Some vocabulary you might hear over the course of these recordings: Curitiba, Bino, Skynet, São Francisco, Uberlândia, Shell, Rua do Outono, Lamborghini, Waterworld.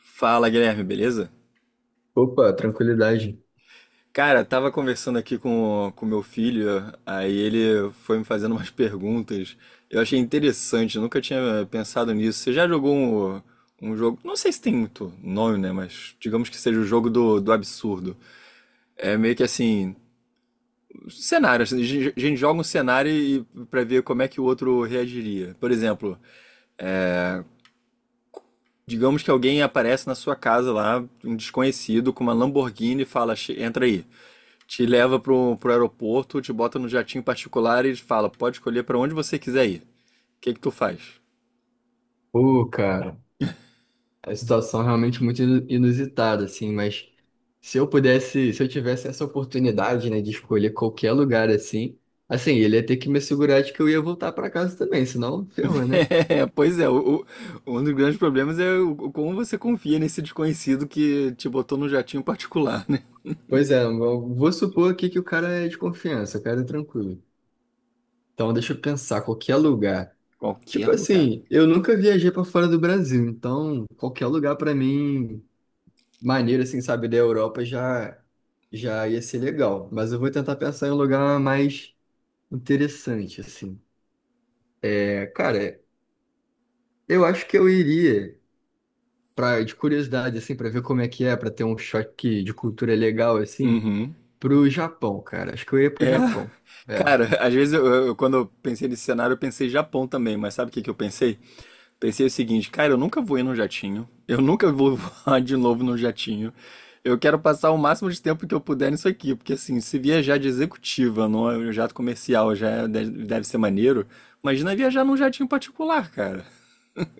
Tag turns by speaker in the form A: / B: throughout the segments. A: Fala, Guilherme, beleza?
B: Opa, tranquilidade.
A: Cara, tava conversando aqui com meu filho, aí ele foi me fazendo umas perguntas. Eu achei interessante, eu nunca tinha pensado nisso. Você já jogou um jogo, não sei se tem muito nome, né, mas digamos que seja o jogo do absurdo. É meio que assim, cenário, assim, a gente joga um cenário e para ver como é que o outro reagiria. Por exemplo, digamos que alguém aparece na sua casa lá, um desconhecido com uma Lamborghini e fala, entra aí. Te leva pro aeroporto, te bota no jatinho particular e fala, pode escolher para onde você quiser ir. O que que tu faz?"
B: Pô, cara, a situação é realmente muito inusitada, assim, mas se eu tivesse essa oportunidade, né, de escolher qualquer lugar assim, ele ia ter que me assegurar de que eu ia voltar pra casa também, senão ferrou, né?
A: É, pois é, um dos grandes problemas é o como você confia nesse desconhecido que te botou no jatinho particular, né?
B: Pois é, eu vou supor aqui que o cara é de confiança, o cara é tranquilo. Então, deixa eu pensar, qualquer lugar. Tipo
A: Qualquer lugar.
B: assim, eu nunca viajei pra fora do Brasil, então qualquer lugar pra mim maneiro, assim, sabe, da Europa já ia ser legal. Mas eu vou tentar pensar em um lugar mais interessante, assim. É, cara, eu acho que eu iria, de curiosidade, assim, pra ver como é que é, pra ter um choque de cultura legal, assim,
A: Uhum.
B: pro Japão, cara. Acho que eu ia pro
A: É,
B: Japão. É.
A: cara, às vezes quando eu pensei nesse cenário, eu pensei Japão também, mas sabe o que que eu pensei? Pensei o seguinte, cara, eu nunca voei num jatinho, eu nunca vou voar de novo num jatinho. Eu quero passar o máximo de tempo que eu puder nisso aqui, porque assim, se viajar de executiva, não é um jato comercial, deve ser maneiro. Imagina viajar num jatinho particular, cara.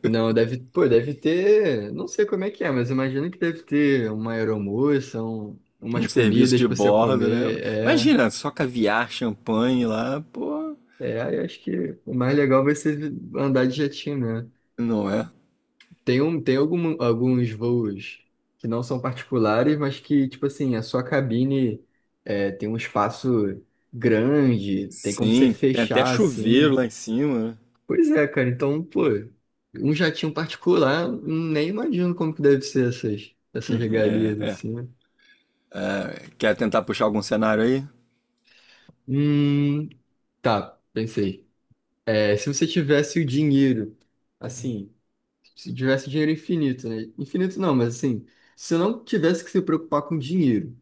B: Não, deve, pô, deve ter, não sei como é que é, mas imagino que deve ter uma aeromoça,
A: Um
B: umas
A: serviço
B: comidas
A: de
B: pra você
A: bordo, né?
B: comer, é.
A: Imagina, só caviar, champanhe lá, pô,
B: É, aí acho que o mais legal vai ser andar de jetinho, né?
A: não é?
B: Tem, um, tem algum, alguns voos que não são particulares, mas que, tipo assim, a sua cabine é, tem um espaço grande, tem como você
A: Sim, tem até
B: fechar,
A: chuveiro
B: assim.
A: lá em cima, né?
B: Pois é, cara, então, pô, um jatinho particular, nem imagino como que deve ser essas
A: É,
B: regalias,
A: é.
B: assim, né?
A: Quer tentar puxar algum cenário aí?
B: Hum, tá, pensei. É, se você tivesse o dinheiro, assim, se tivesse dinheiro infinito, né? Infinito não, mas assim, se você não tivesse que se preocupar com dinheiro.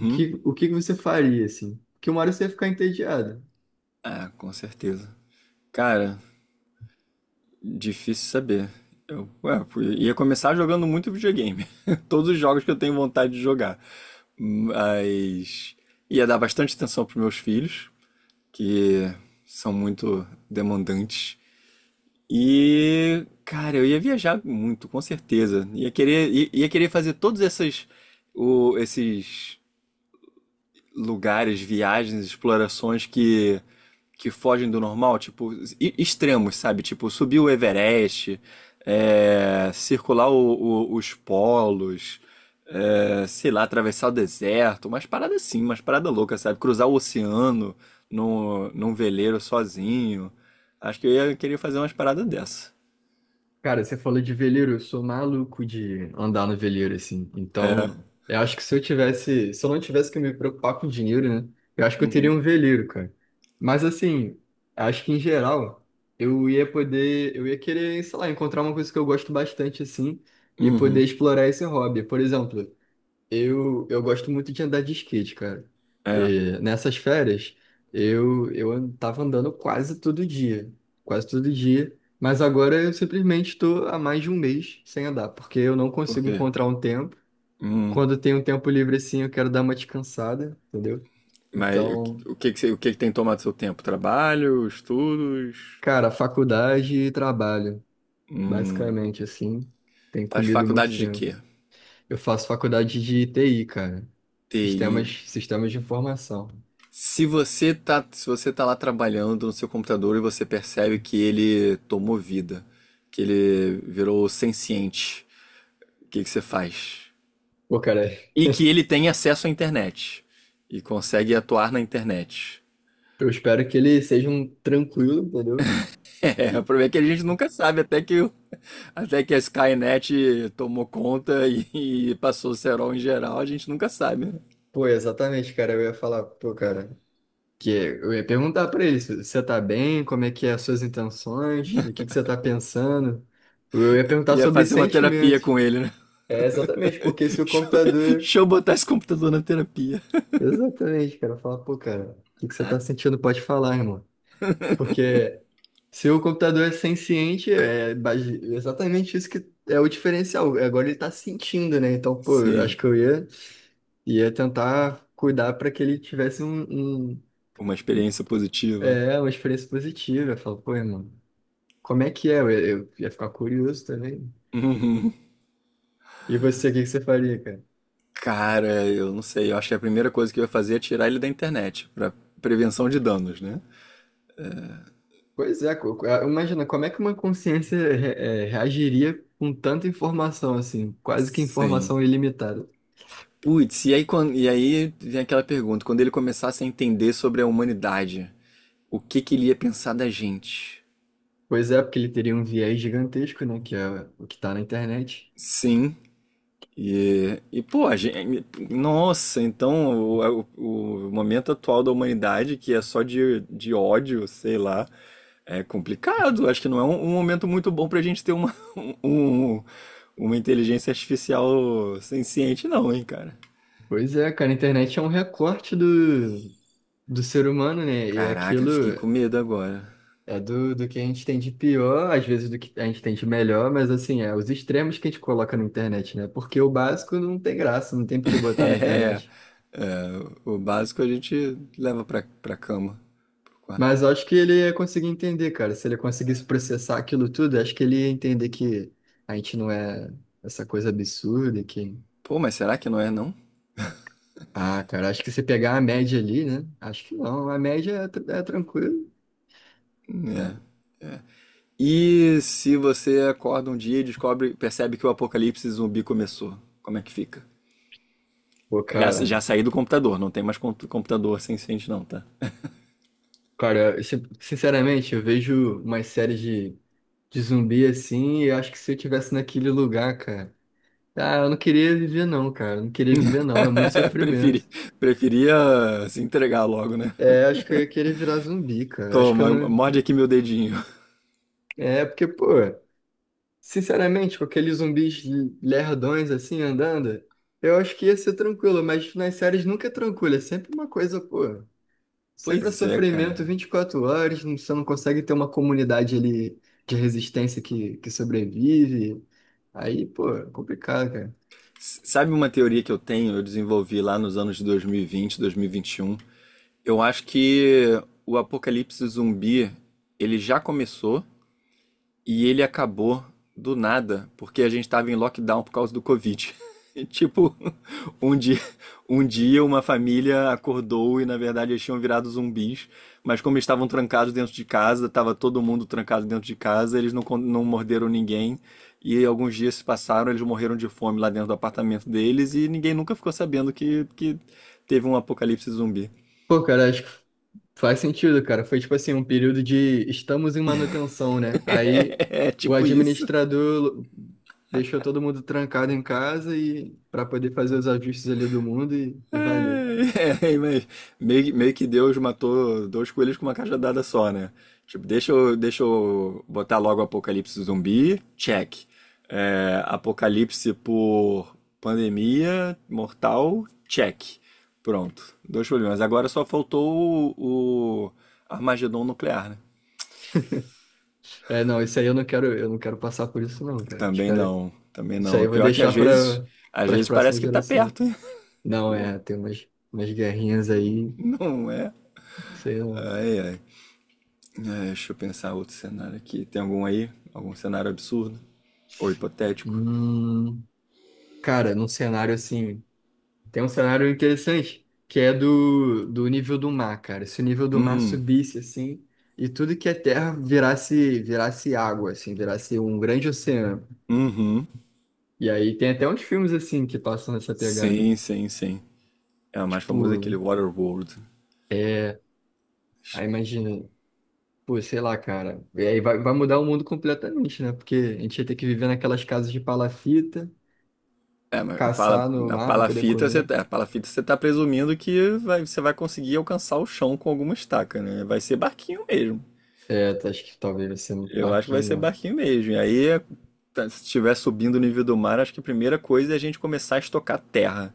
B: O que que você faria, assim? Porque uma hora você ia ficar entediado.
A: É, com certeza. Cara, difícil saber. Eu, ué, eu ia começar jogando muito videogame. Todos os jogos que eu tenho vontade de jogar. Mas ia dar bastante atenção pros meus filhos, que são muito demandantes. E, cara, eu ia viajar muito, com certeza. Ia querer, ia querer fazer todos essas, esses lugares, viagens, explorações que fogem do normal, tipo extremos, sabe? Tipo subir o Everest, é, circular os polos, é, sei lá, atravessar o deserto, umas paradas assim, umas paradas loucas, sabe? Cruzar o oceano num veleiro sozinho. Acho que eu ia querer fazer umas paradas dessa.
B: Cara, você falou de veleiro, eu sou maluco de andar no veleiro, assim.
A: É.
B: Então, eu acho que se eu tivesse, se eu não tivesse que me preocupar com dinheiro, né? Eu acho que eu teria
A: Uhum.
B: um veleiro, cara. Mas assim, acho que em geral, eu ia poder, eu ia querer, sei lá, encontrar uma coisa que eu gosto bastante, assim, e poder
A: Uhum.
B: explorar esse hobby. Por exemplo, eu gosto muito de andar de skate, cara.
A: É.
B: E nessas férias, eu tava andando quase todo dia. Quase todo dia. Mas agora eu simplesmente estou há mais de um mês sem andar, porque eu não
A: Por
B: consigo
A: quê?
B: encontrar um tempo.
A: Hum.
B: Quando eu tenho um tempo livre assim, eu quero dar uma descansada, entendeu?
A: Mas
B: Então,
A: o que que você- o que que tem tomado seu tempo? Trabalho, estudos?
B: cara, faculdade e trabalho,
A: Hum,
B: basicamente assim, tem
A: faz
B: comido muito
A: faculdade de
B: tempo.
A: quê?
B: Eu faço faculdade de TI, cara. Sistemas,
A: TI.
B: sistemas de informação.
A: Se você tá, se você tá lá trabalhando no seu computador e você percebe que ele tomou vida, que ele virou senciente, o que que você faz?
B: Pô, cara.
A: E que ele tem acesso à internet e consegue atuar na internet.
B: Eu espero que ele seja um tranquilo, entendeu?
A: É, o
B: E,
A: problema é que a gente nunca sabe até até que a Skynet tomou conta e passou o cerol em geral, a gente nunca sabe, né?
B: pô, exatamente, cara. Eu ia falar, pô, cara, que eu ia perguntar pra ele se você tá bem, como é que é as suas intenções, o que que você tá pensando. Eu ia perguntar
A: Ia
B: sobre
A: fazer uma terapia
B: sentimentos.
A: com ele, né?
B: É, exatamente, porque se o
A: Deixa eu,
B: computador.
A: deixa eu botar esse computador na terapia.
B: Exatamente, cara. Falar, pô, cara, o que que você tá sentindo? Pode falar, irmão. Porque se o computador é senciente, é base- exatamente isso que é o diferencial. Agora ele está sentindo, né? Então, pô, eu
A: Sim,
B: acho que eu ia tentar cuidar para que ele tivesse
A: uma experiência positiva.
B: uma experiência positiva. Eu falo, pô, irmão, como é que é? Eu ia ficar curioso também.
A: Uhum.
B: E você, o que que você faria, cara?
A: Cara, eu não sei, eu acho que a primeira coisa que eu ia fazer é tirar ele da internet, pra prevenção de danos, né?
B: Pois é, imagina, como é que uma consciência reagiria com tanta informação assim? Quase que
A: Sim.
B: informação ilimitada.
A: Putz, e aí, quando e aí vem aquela pergunta, quando ele começasse a entender sobre a humanidade, o que que ele ia pensar da gente.
B: Pois é, porque ele teria um viés gigantesco, né? Que é o que tá na internet.
A: Sim. E pô, a gente, nossa, então o momento atual da humanidade, que é só de ódio, sei lá, é complicado. Acho que não é um momento muito bom pra gente ter uma, um, uma inteligência artificial senciente, não, hein, cara.
B: Pois é, cara, a internet é um recorte do ser humano, né? E
A: Caraca,
B: aquilo
A: fiquei com medo agora.
B: é do, do que a gente tem de pior, às vezes do que a gente tem de melhor, mas assim, é os extremos que a gente coloca na internet, né? Porque o básico não tem graça, não tem por que botar na
A: É,
B: internet.
A: é, o básico a gente leva pra cama, pro quarto.
B: Mas eu acho que ele ia conseguir entender, cara. Se ele conseguisse processar aquilo tudo, eu acho que ele ia entender que a gente não é essa coisa absurda, que...
A: Pô, mas será que não é, não?
B: Ah, cara, acho que se pegar a média ali, né? Acho que não, a média é, tr- é tranquilo,
A: É,
B: né?
A: é. E se você acorda um dia e descobre, percebe que o apocalipse zumbi começou, como é que fica?
B: Pô,
A: Já,
B: cara,
A: já saí do computador, não tem mais computador senciente não, tá?
B: cara, eu sinceramente, eu vejo umas séries de zumbi assim, e eu acho que se eu tivesse naquele lugar, cara, ah, eu não queria viver não, cara, eu não queria viver não, é muito
A: Preferi,
B: sofrimento.
A: preferia se entregar logo, né?
B: É, acho que eu ia querer virar zumbi, cara, acho que eu
A: Toma,
B: não...
A: morde aqui meu dedinho.
B: É, porque, pô, sinceramente, com aqueles zumbis lerdões assim, andando, eu acho que ia ser tranquilo, mas nas séries nunca é tranquilo, é sempre uma coisa, pô. Sempre é
A: Pois é,
B: sofrimento
A: cara.
B: 24 horas, não- você não consegue ter uma comunidade ali de resistência que sobrevive. Aí, pô, é complicado, cara.
A: Sabe uma teoria que eu tenho, eu desenvolvi lá nos anos de 2020, 2021? Eu acho que o apocalipse zumbi, ele já começou. E ele acabou do nada, porque a gente estava em lockdown por causa do Covid. E, tipo, um dia, um dia uma família acordou e na verdade eles tinham virado zumbis, mas como eles estavam trancados dentro de casa, estava todo mundo trancado dentro de casa, eles não morderam ninguém. E alguns dias se passaram, eles morreram de fome lá dentro do apartamento deles e ninguém nunca ficou sabendo que teve um apocalipse zumbi.
B: Pô, cara, acho que faz sentido, cara. Foi tipo assim, um período de estamos em manutenção, né? Aí
A: É
B: o
A: tipo isso.
B: administrador deixou todo mundo trancado em casa e para poder fazer os ajustes ali do mundo e valeu.
A: É, é, mas meio que Deus matou dois coelhos com uma cajadada só, né? Tipo, deixa eu botar logo apocalipse zumbi, check. É, apocalipse por pandemia mortal, check. Pronto, dois problemas. Agora só faltou o Armagedon nuclear, né?
B: É, não, isso aí eu não quero passar por isso não, cara. Os
A: Também
B: cara,
A: não, também
B: isso
A: não.
B: aí
A: O
B: eu vou
A: pior é que
B: deixar para
A: às
B: para as
A: vezes parece
B: próximas
A: que tá
B: gerações.
A: perto, hein?
B: Não, é, tem umas guerrinhas aí,
A: Não é?
B: sei lá.
A: Ai, ai. É, deixa eu pensar outro cenário aqui. Tem algum aí? Algum cenário absurdo? Ou hipotético?
B: Hum, cara, num cenário assim, tem um cenário interessante, que é do nível do mar, cara. Se o nível do mar
A: Hum,
B: subisse assim, e tudo que é terra virasse, água, assim, virasse um grande oceano.
A: uhum.
B: E aí tem até uns filmes assim que passam nessa pegada.
A: Sim, sim, sim. É o mais
B: Tipo,
A: famoso é aquele Waterworld.
B: é, aí imagina, pô, sei lá, cara. E aí vai, vai mudar o mundo completamente, né? Porque a gente ia ter que viver naquelas casas de palafita,
A: É, mas pala,
B: caçar no
A: na
B: mar para poder
A: palafita você,
B: comer.
A: é, palafita você tá presumindo que vai- você vai conseguir alcançar o chão com alguma estaca, né? Vai ser barquinho mesmo.
B: É, tá, acho que talvez vai ser um
A: Eu acho que vai ser
B: barquinho, né?
A: barquinho mesmo. E aí, tá, se estiver subindo o nível do mar, acho que a primeira coisa é a gente começar a estocar terra,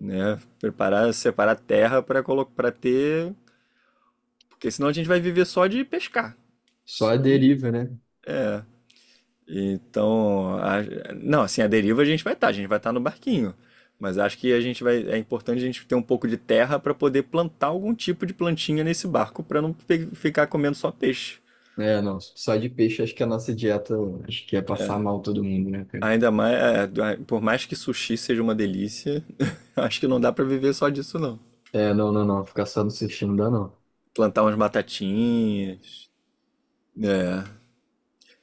A: né? Preparar, separar terra para colocar, para ter. Porque senão a gente vai viver só de pescar.
B: Só a
A: Só de.
B: deriva, né?
A: Então, a- não, assim, a deriva a gente vai estar, a gente vai estar no barquinho. Mas acho que a gente vai, é importante a gente ter um pouco de terra para poder plantar algum tipo de plantinha nesse barco para não ficar comendo só peixe.
B: É, não, só de peixe acho que a nossa dieta, acho que ia passar mal todo mundo, né, cara?
A: Ainda mais, é, por mais que sushi seja uma delícia, acho que não dá para viver só disso não.
B: É, não, não, não, ficar só no sushi não dá não.
A: Plantar umas batatinhas, né?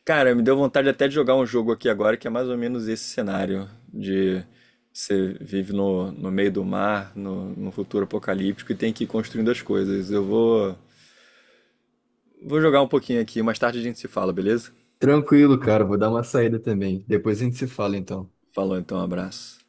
A: Cara, me deu vontade até de jogar um jogo aqui agora que é mais ou menos esse cenário de você vive no meio do mar, no futuro apocalíptico e tem que ir construindo as coisas. Eu vou, vou jogar um pouquinho aqui, mais tarde a gente se fala, beleza?
B: Tranquilo, cara, vou dar uma saída também. Depois a gente se fala então.
A: Falou então, abraço.